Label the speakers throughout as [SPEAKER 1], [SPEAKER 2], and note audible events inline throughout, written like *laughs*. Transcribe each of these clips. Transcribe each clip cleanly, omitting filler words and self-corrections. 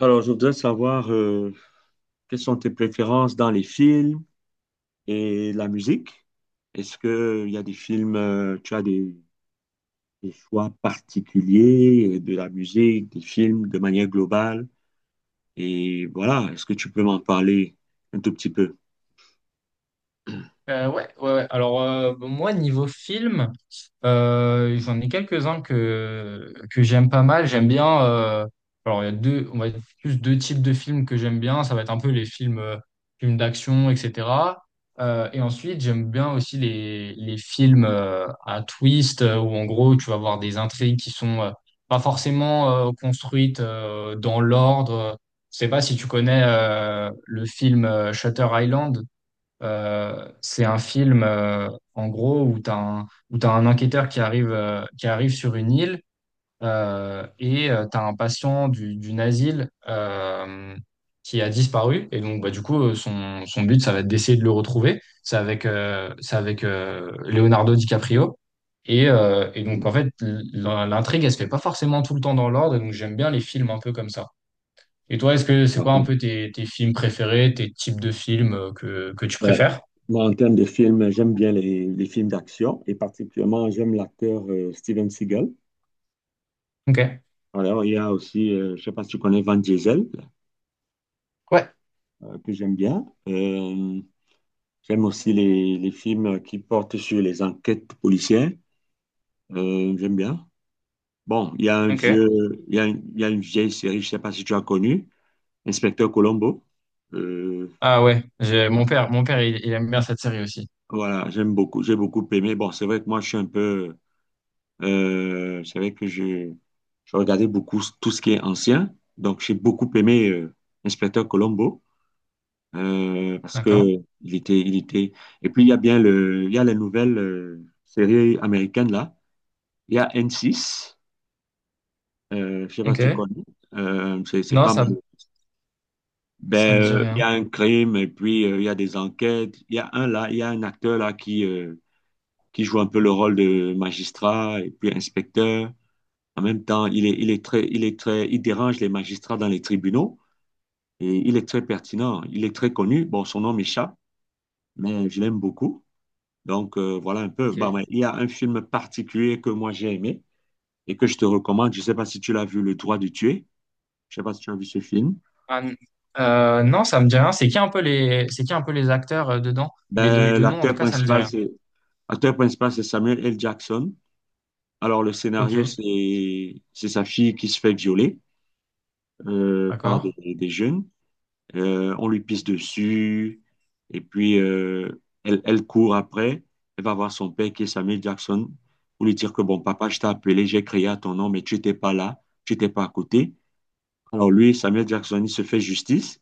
[SPEAKER 1] Alors, je voudrais savoir quelles sont tes préférences dans les films et la musique. Est-ce que il y a des films, tu as des choix particuliers de la musique, des films de manière globale? Et voilà, est-ce que tu peux m'en parler un tout petit peu?
[SPEAKER 2] Ouais, ouais, ouais. Alors, bon, moi, niveau film, j'en ai quelques-uns que j'aime pas mal. J'aime bien. Alors, il y a deux, on va dire plus deux types de films que j'aime bien. Ça va être un peu les films, films d'action, etc. Et ensuite, j'aime bien aussi les films à twist, où en gros, tu vas voir des intrigues qui sont pas forcément construites dans l'ordre. Je sais pas si tu connais le film Shutter Island. C'est un film, en gros, où t'as un enquêteur qui arrive sur une île et tu as un patient d'une asile qui a disparu. Et donc, bah, du coup, son but, ça va être d'essayer de le retrouver. C'est avec Leonardo DiCaprio. Et donc, en fait, l'intrigue, elle se fait pas forcément tout le temps dans l'ordre. Donc, j'aime bien les films un peu comme ça. Et toi, est-ce que c'est quoi
[SPEAKER 1] Ok.
[SPEAKER 2] un peu tes films préférés, tes types de films que tu
[SPEAKER 1] Ouais.
[SPEAKER 2] préfères?
[SPEAKER 1] Moi, en termes de films, j'aime bien les films d'action et particulièrement, j'aime l'acteur Steven Seagal.
[SPEAKER 2] Ok.
[SPEAKER 1] Alors, il y a aussi, je ne sais pas si tu connais Van Diesel,
[SPEAKER 2] Ouais.
[SPEAKER 1] que j'aime bien. J'aime aussi les films qui portent sur les enquêtes policières. J'aime bien. Bon, il y a un
[SPEAKER 2] Ok.
[SPEAKER 1] vieux, il y a, une il y a une vieille série, je ne sais pas si tu as connu, Inspecteur Colombo. Euh,
[SPEAKER 2] Ah ouais,
[SPEAKER 1] ah,
[SPEAKER 2] mon père, il aime bien cette série aussi.
[SPEAKER 1] voilà, j'aime beaucoup, j'ai beaucoup aimé. Bon, c'est vrai que moi, je suis un peu, c'est vrai que je, regardais beaucoup tout ce qui est ancien. Donc, j'ai beaucoup aimé Inspecteur Colombo parce
[SPEAKER 2] D'accord.
[SPEAKER 1] que il était, il était. Et puis, il y a bien le, il y a les nouvelles séries américaines là. Il y a N6, je sais pas si
[SPEAKER 2] Ok.
[SPEAKER 1] tu connais. C'est
[SPEAKER 2] Non,
[SPEAKER 1] pas mon.
[SPEAKER 2] ça me
[SPEAKER 1] Ben,
[SPEAKER 2] dit
[SPEAKER 1] il y
[SPEAKER 2] rien.
[SPEAKER 1] a un crime et puis il y a des enquêtes. Il y a un là, il y a un acteur là qui joue un peu le rôle de magistrat et puis inspecteur. En même temps, il est très, il dérange les magistrats dans les tribunaux et il est très pertinent. Il est très connu. Bon, son nom m'échappe, mais je l'aime beaucoup. Donc, voilà un peu. Bah, ouais,
[SPEAKER 2] Ok.
[SPEAKER 1] il y a un film particulier que moi j'ai aimé et que je te recommande. Je sais pas si tu l'as vu, Le droit de tuer. Je sais pas si tu as vu ce film.
[SPEAKER 2] Ah, n- non, ça me dit rien. C'est qui un peu les acteurs dedans? Mais
[SPEAKER 1] Ben,
[SPEAKER 2] de nom, en tout cas, ça me dit rien.
[SPEAKER 1] l'acteur principal, c'est Samuel L. Jackson. Alors, le scénario,
[SPEAKER 2] Ok.
[SPEAKER 1] c'est sa fille qui se fait violer par des,
[SPEAKER 2] D'accord.
[SPEAKER 1] jeunes. On lui pisse dessus et puis elle, elle court après. Elle va voir son père qui est Samuel Jackson pour lui dire que bon, papa, je t'ai appelé, j'ai crié à ton nom, mais tu n'étais pas là, tu n'étais pas à côté. Alors, lui, Samuel Jackson, il se fait justice.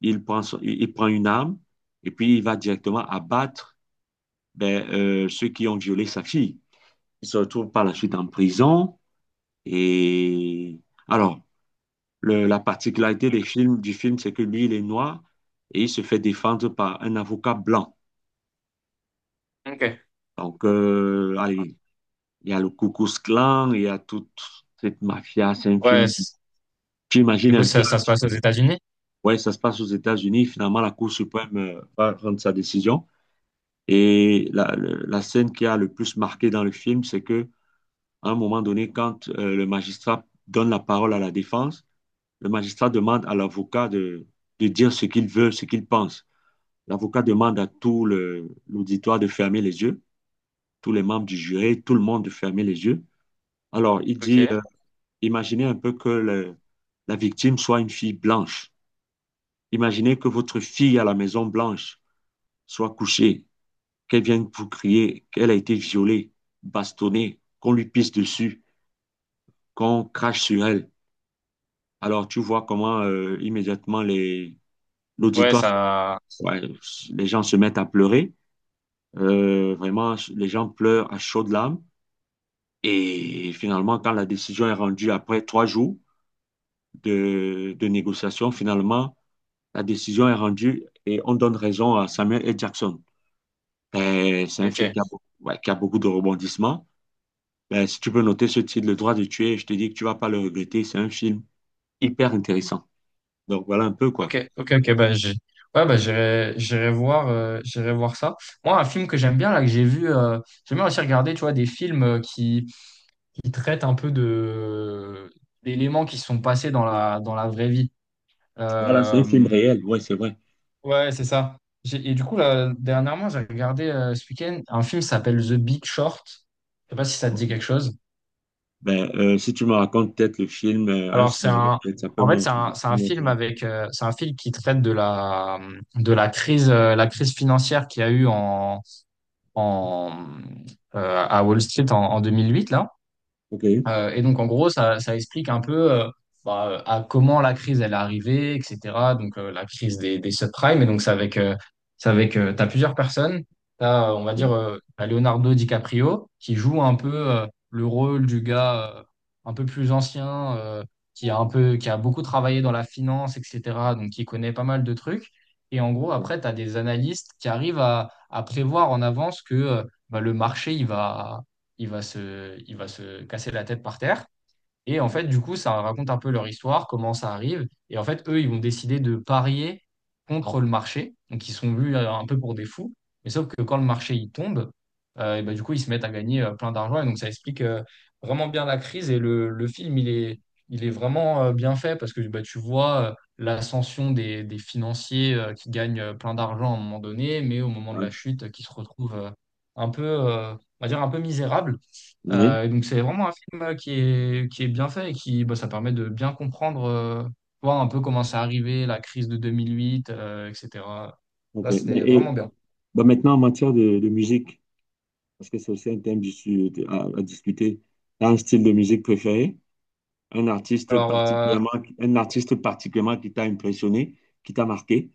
[SPEAKER 1] Il prend, il prend une arme et puis il va directement abattre ceux qui ont violé sa fille. Ils se retrouvent par la suite en prison. Et alors, la particularité des films, du film, c'est que lui, il est noir et il se fait défendre par un avocat blanc.
[SPEAKER 2] Ok.
[SPEAKER 1] Donc, allez, il y a le Ku Klux Klan, il y a toute cette mafia. C'est un
[SPEAKER 2] Ouais.
[SPEAKER 1] film, tu imagines
[SPEAKER 2] Du coup,
[SPEAKER 1] un peu.
[SPEAKER 2] ça se passe aux États-Unis.
[SPEAKER 1] Ouais, ça se passe aux États-Unis. Finalement, la Cour suprême va rendre sa décision. Et la, la scène qui a le plus marqué dans le film, c'est que À un moment donné, quand le magistrat donne la parole à la défense, le magistrat demande à l'avocat de, dire ce qu'il veut, ce qu'il pense. L'avocat demande à l'auditoire de fermer les yeux, tous les membres du jury, tout le monde de fermer les yeux. Alors, il
[SPEAKER 2] Ok.
[SPEAKER 1] dit, imaginez un peu que la victime soit une fille blanche. Imaginez que votre fille à la Maison Blanche soit couchée, qu'elle vienne vous crier qu'elle a été violée, bastonnée, qu'on lui pisse dessus, qu'on crache sur elle. Alors, tu vois comment immédiatement les
[SPEAKER 2] Ouais,
[SPEAKER 1] l'auditoire,
[SPEAKER 2] ça.
[SPEAKER 1] ouais, les gens se mettent à pleurer. Vraiment, les gens pleurent à chaudes larmes. Et finalement, quand la décision est rendue après 3 jours de, négociation, finalement, la décision est rendue et on donne raison à Samuel L. Jackson. C'est un film qui a,
[SPEAKER 2] Ok.
[SPEAKER 1] ouais, qui a beaucoup de rebondissements. Si tu peux noter ce titre, Le droit de tuer, je te dis que tu vas pas le regretter. C'est un film hyper intéressant. Donc voilà un peu quoi.
[SPEAKER 2] Ok. Ok. Ok. Bah, j'ai. Ouais, bah, j'irai voir ça. Moi, un film que j'aime bien là, que j'ai vu, j'aime bien aussi regarder, tu vois, des films qui il traite un peu de d'éléments qui sont passés dans dans la vraie vie.
[SPEAKER 1] Voilà, c'est un film
[SPEAKER 2] Euh,
[SPEAKER 1] réel, ouais, c'est vrai.
[SPEAKER 2] ouais, c'est ça. Et du coup, là, dernièrement, j'ai regardé ce week-end un film qui s'appelle The Big Short. Je sais pas si ça te dit quelque chose.
[SPEAKER 1] Ben, si tu me racontes peut-être le film, un
[SPEAKER 2] Alors,
[SPEAKER 1] scénario, peut-être ça peut m'intéresser.
[SPEAKER 2] c'est un film avec, c'est un film qui traite de de la crise financière qu'il y a eu en, à Wall Street en 2008 là.
[SPEAKER 1] Ok,
[SPEAKER 2] Et donc, en gros, ça explique un peu bah, à comment la crise elle est arrivée, etc. Donc, la crise des subprimes. Et donc, c'est avec t'as plusieurs personnes. T'as, on va dire,
[SPEAKER 1] ok,
[SPEAKER 2] T'as Leonardo DiCaprio qui joue un peu le rôle du gars un peu plus ancien, qui a un peu, qui a beaucoup travaillé dans la finance, etc. Donc, qui connaît pas mal de trucs. Et en gros,
[SPEAKER 1] ok.
[SPEAKER 2] après, t'as des analystes qui arrivent à prévoir en avance que bah, le marché, il va se casser la tête par terre. Et en fait, du coup, ça raconte un peu leur histoire, comment ça arrive. Et en fait, eux, ils vont décider de parier contre le marché. Donc, ils sont vus un peu pour des fous. Mais sauf que quand le marché il tombe, et ben, du coup, ils se mettent à gagner plein d'argent. Et donc, ça explique vraiment bien la crise. Et le film, il est vraiment bien fait parce que bah, tu vois l'ascension des financiers qui gagnent plein d'argent à un moment donné, mais au moment de
[SPEAKER 1] Ouais.
[SPEAKER 2] la chute, qui se retrouvent on va dire, un peu misérables.
[SPEAKER 1] Oui,
[SPEAKER 2] Et donc c'est vraiment un film qui est bien fait et qui bah, ça permet de bien comprendre voir un peu comment c'est arrivé, la crise de 2008, etc.
[SPEAKER 1] ok.
[SPEAKER 2] Là,
[SPEAKER 1] Ben,
[SPEAKER 2] c'était
[SPEAKER 1] et
[SPEAKER 2] vraiment bien.
[SPEAKER 1] ben, maintenant, en matière de, musique, parce que c'est aussi un thème à, discuter, t'as un style de musique préféré, un artiste
[SPEAKER 2] Alors, euh,
[SPEAKER 1] particulièrement, qui t'a impressionné, qui t'a marqué.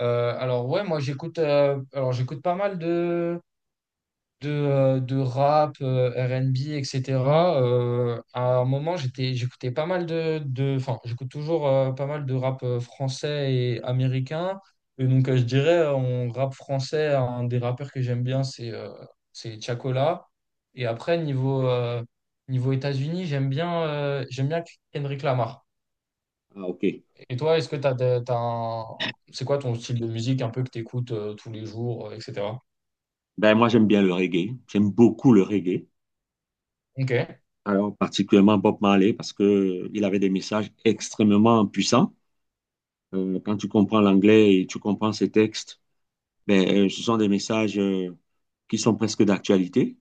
[SPEAKER 2] alors, moi j'écoute pas mal de rap, R&B, etc. À un moment, j'écoutais pas mal enfin, j'écoute toujours pas mal de rap français et américain. Et donc, je dirais, en rap français, un des rappeurs que j'aime bien, c'est Tiakola. Et après, niveau États-Unis, j'aime bien Kendrick Lamar.
[SPEAKER 1] Ah, ok.
[SPEAKER 2] Et toi, est-ce que t'as un... c'est quoi ton style de musique un peu que t'écoutes écoutes tous les jours, etc.
[SPEAKER 1] Ben, moi, j'aime bien le reggae. J'aime beaucoup le reggae.
[SPEAKER 2] Ok,
[SPEAKER 1] Alors, particulièrement Bob Marley, parce que il avait des messages extrêmement puissants. Quand tu comprends l'anglais et tu comprends ces textes, ben, ce sont des messages qui sont presque d'actualité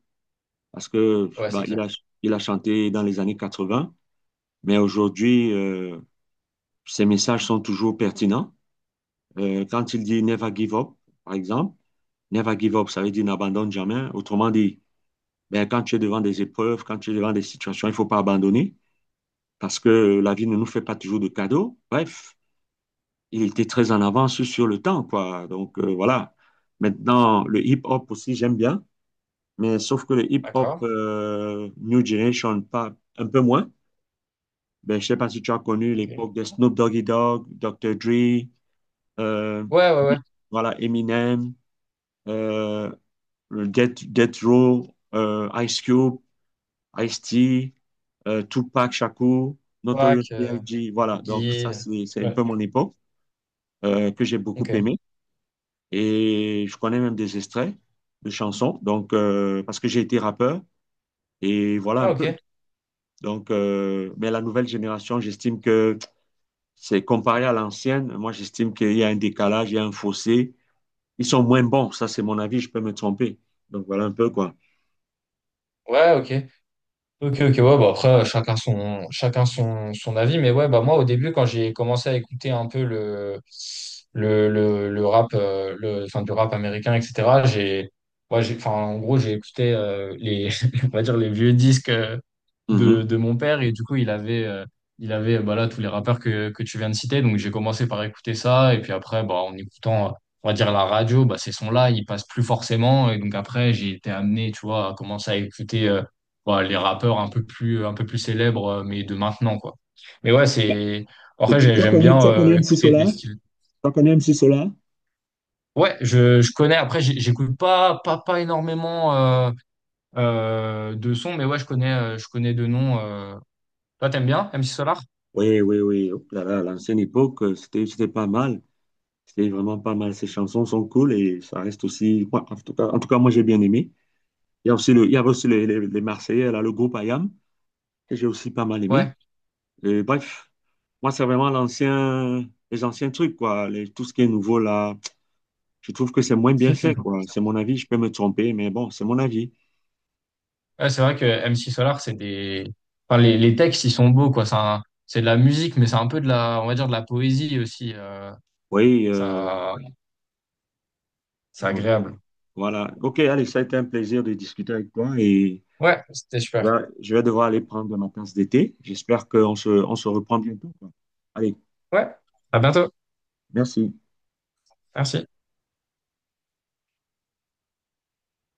[SPEAKER 1] parce que
[SPEAKER 2] ouais,
[SPEAKER 1] bah,
[SPEAKER 2] c'est clair.
[SPEAKER 1] il a chanté dans les années 80, mais aujourd'hui, ces messages sont toujours pertinents. Quand il dit Never give up, par exemple, Never give up, ça veut dire n'abandonne jamais. Autrement dit, ben, quand tu es devant des épreuves, quand tu es devant des situations, il ne faut pas abandonner parce que la vie ne nous fait pas toujours de cadeaux. Bref, il était très en avance sur le temps, quoi. Donc, voilà. Maintenant, le hip-hop aussi, j'aime bien. Mais sauf que le hip-hop
[SPEAKER 2] D'accord.
[SPEAKER 1] New Generation, pas, un peu moins. Ben, je sais pas si tu as connu
[SPEAKER 2] Ok. Ouais,
[SPEAKER 1] l'époque de Snoop Doggy Dogg, Dr. Dre, euh,
[SPEAKER 2] ouais, ouais.
[SPEAKER 1] voilà, Eminem, euh, Death Row, Ice Cube, Ice-T, Tupac Shakur, Notorious
[SPEAKER 2] Pâques,
[SPEAKER 1] B.I.G. Voilà, donc
[SPEAKER 2] Guy.
[SPEAKER 1] ça, c'est un
[SPEAKER 2] Ouais.
[SPEAKER 1] peu mon époque que j'ai beaucoup
[SPEAKER 2] Ok.
[SPEAKER 1] aimé. Et je connais même des extraits de chansons, donc, parce que j'ai été rappeur. Et voilà un
[SPEAKER 2] Ah, ok.
[SPEAKER 1] peu. Donc, mais la nouvelle génération, j'estime que c'est comparé à l'ancienne. Moi, j'estime qu'il y a un décalage, il y a un fossé. Ils sont moins bons. Ça, c'est mon avis. Je peux me tromper. Donc, voilà un peu quoi.
[SPEAKER 2] Ouais, ok. Ok, ok, ouais, bah après, chacun son avis, mais ouais, bah moi, au début, quand j'ai commencé à écouter un peu le rap, enfin, du rap américain, etc., ouais, j'ai, enfin, en gros, j'ai écouté les, *laughs* on va dire, les vieux disques
[SPEAKER 1] Mhm.
[SPEAKER 2] de mon père, et du coup, il avait, bah là, tous les rappeurs que tu viens de citer, donc j'ai commencé par écouter ça, et puis après, bah, en écoutant, on va dire, la radio, bah, ces sons-là, ils passent plus forcément, et donc après, j'ai été amené, tu vois, à commencer à écouter. Bah, les rappeurs un peu plus célèbres, mais de maintenant, quoi. Mais ouais, c'est. Après, j'aime bien
[SPEAKER 1] Tu as connu MC
[SPEAKER 2] écouter des
[SPEAKER 1] Solar,
[SPEAKER 2] styles.
[SPEAKER 1] là?
[SPEAKER 2] Ouais, je connais. Après, j'écoute pas énormément de sons, mais ouais, je connais de noms. Toi, t'aimes bien MC Solar?
[SPEAKER 1] Oui, oui, oui. Oh là là, l'ancienne époque, c'était pas mal. C'était vraiment pas mal. Ces chansons sont cool et ça reste aussi, moi, en tout cas, moi, j'ai bien aimé. Il y a aussi le, il y avait aussi les, les Marseillais, là, le groupe ayam que j'ai aussi pas mal aimé.
[SPEAKER 2] Ouais.
[SPEAKER 1] Et bref, moi, c'est vraiment l'ancien, les anciens trucs, quoi. Les- tout ce qui est nouveau, là, je trouve que c'est moins bien fait, quoi. C'est
[SPEAKER 2] *laughs*
[SPEAKER 1] mon avis, je peux me tromper, mais bon, c'est mon avis.
[SPEAKER 2] Ouais, c'est vrai que MC Solar, c'est des. Enfin, les textes, ils sont beaux, quoi. C'est de la musique, mais c'est un peu de on va dire, de la poésie aussi.
[SPEAKER 1] Oui,
[SPEAKER 2] Ça, c'est
[SPEAKER 1] bon, donc,
[SPEAKER 2] agréable.
[SPEAKER 1] voilà. OK, allez, ça a été un plaisir de discuter avec toi et
[SPEAKER 2] Ouais, c'était super.
[SPEAKER 1] je vais devoir aller prendre ma tasse d'été. J'espère qu'on se, on se reprend bientôt, quoi. Allez,
[SPEAKER 2] Ouais, à bientôt.
[SPEAKER 1] merci.
[SPEAKER 2] Merci.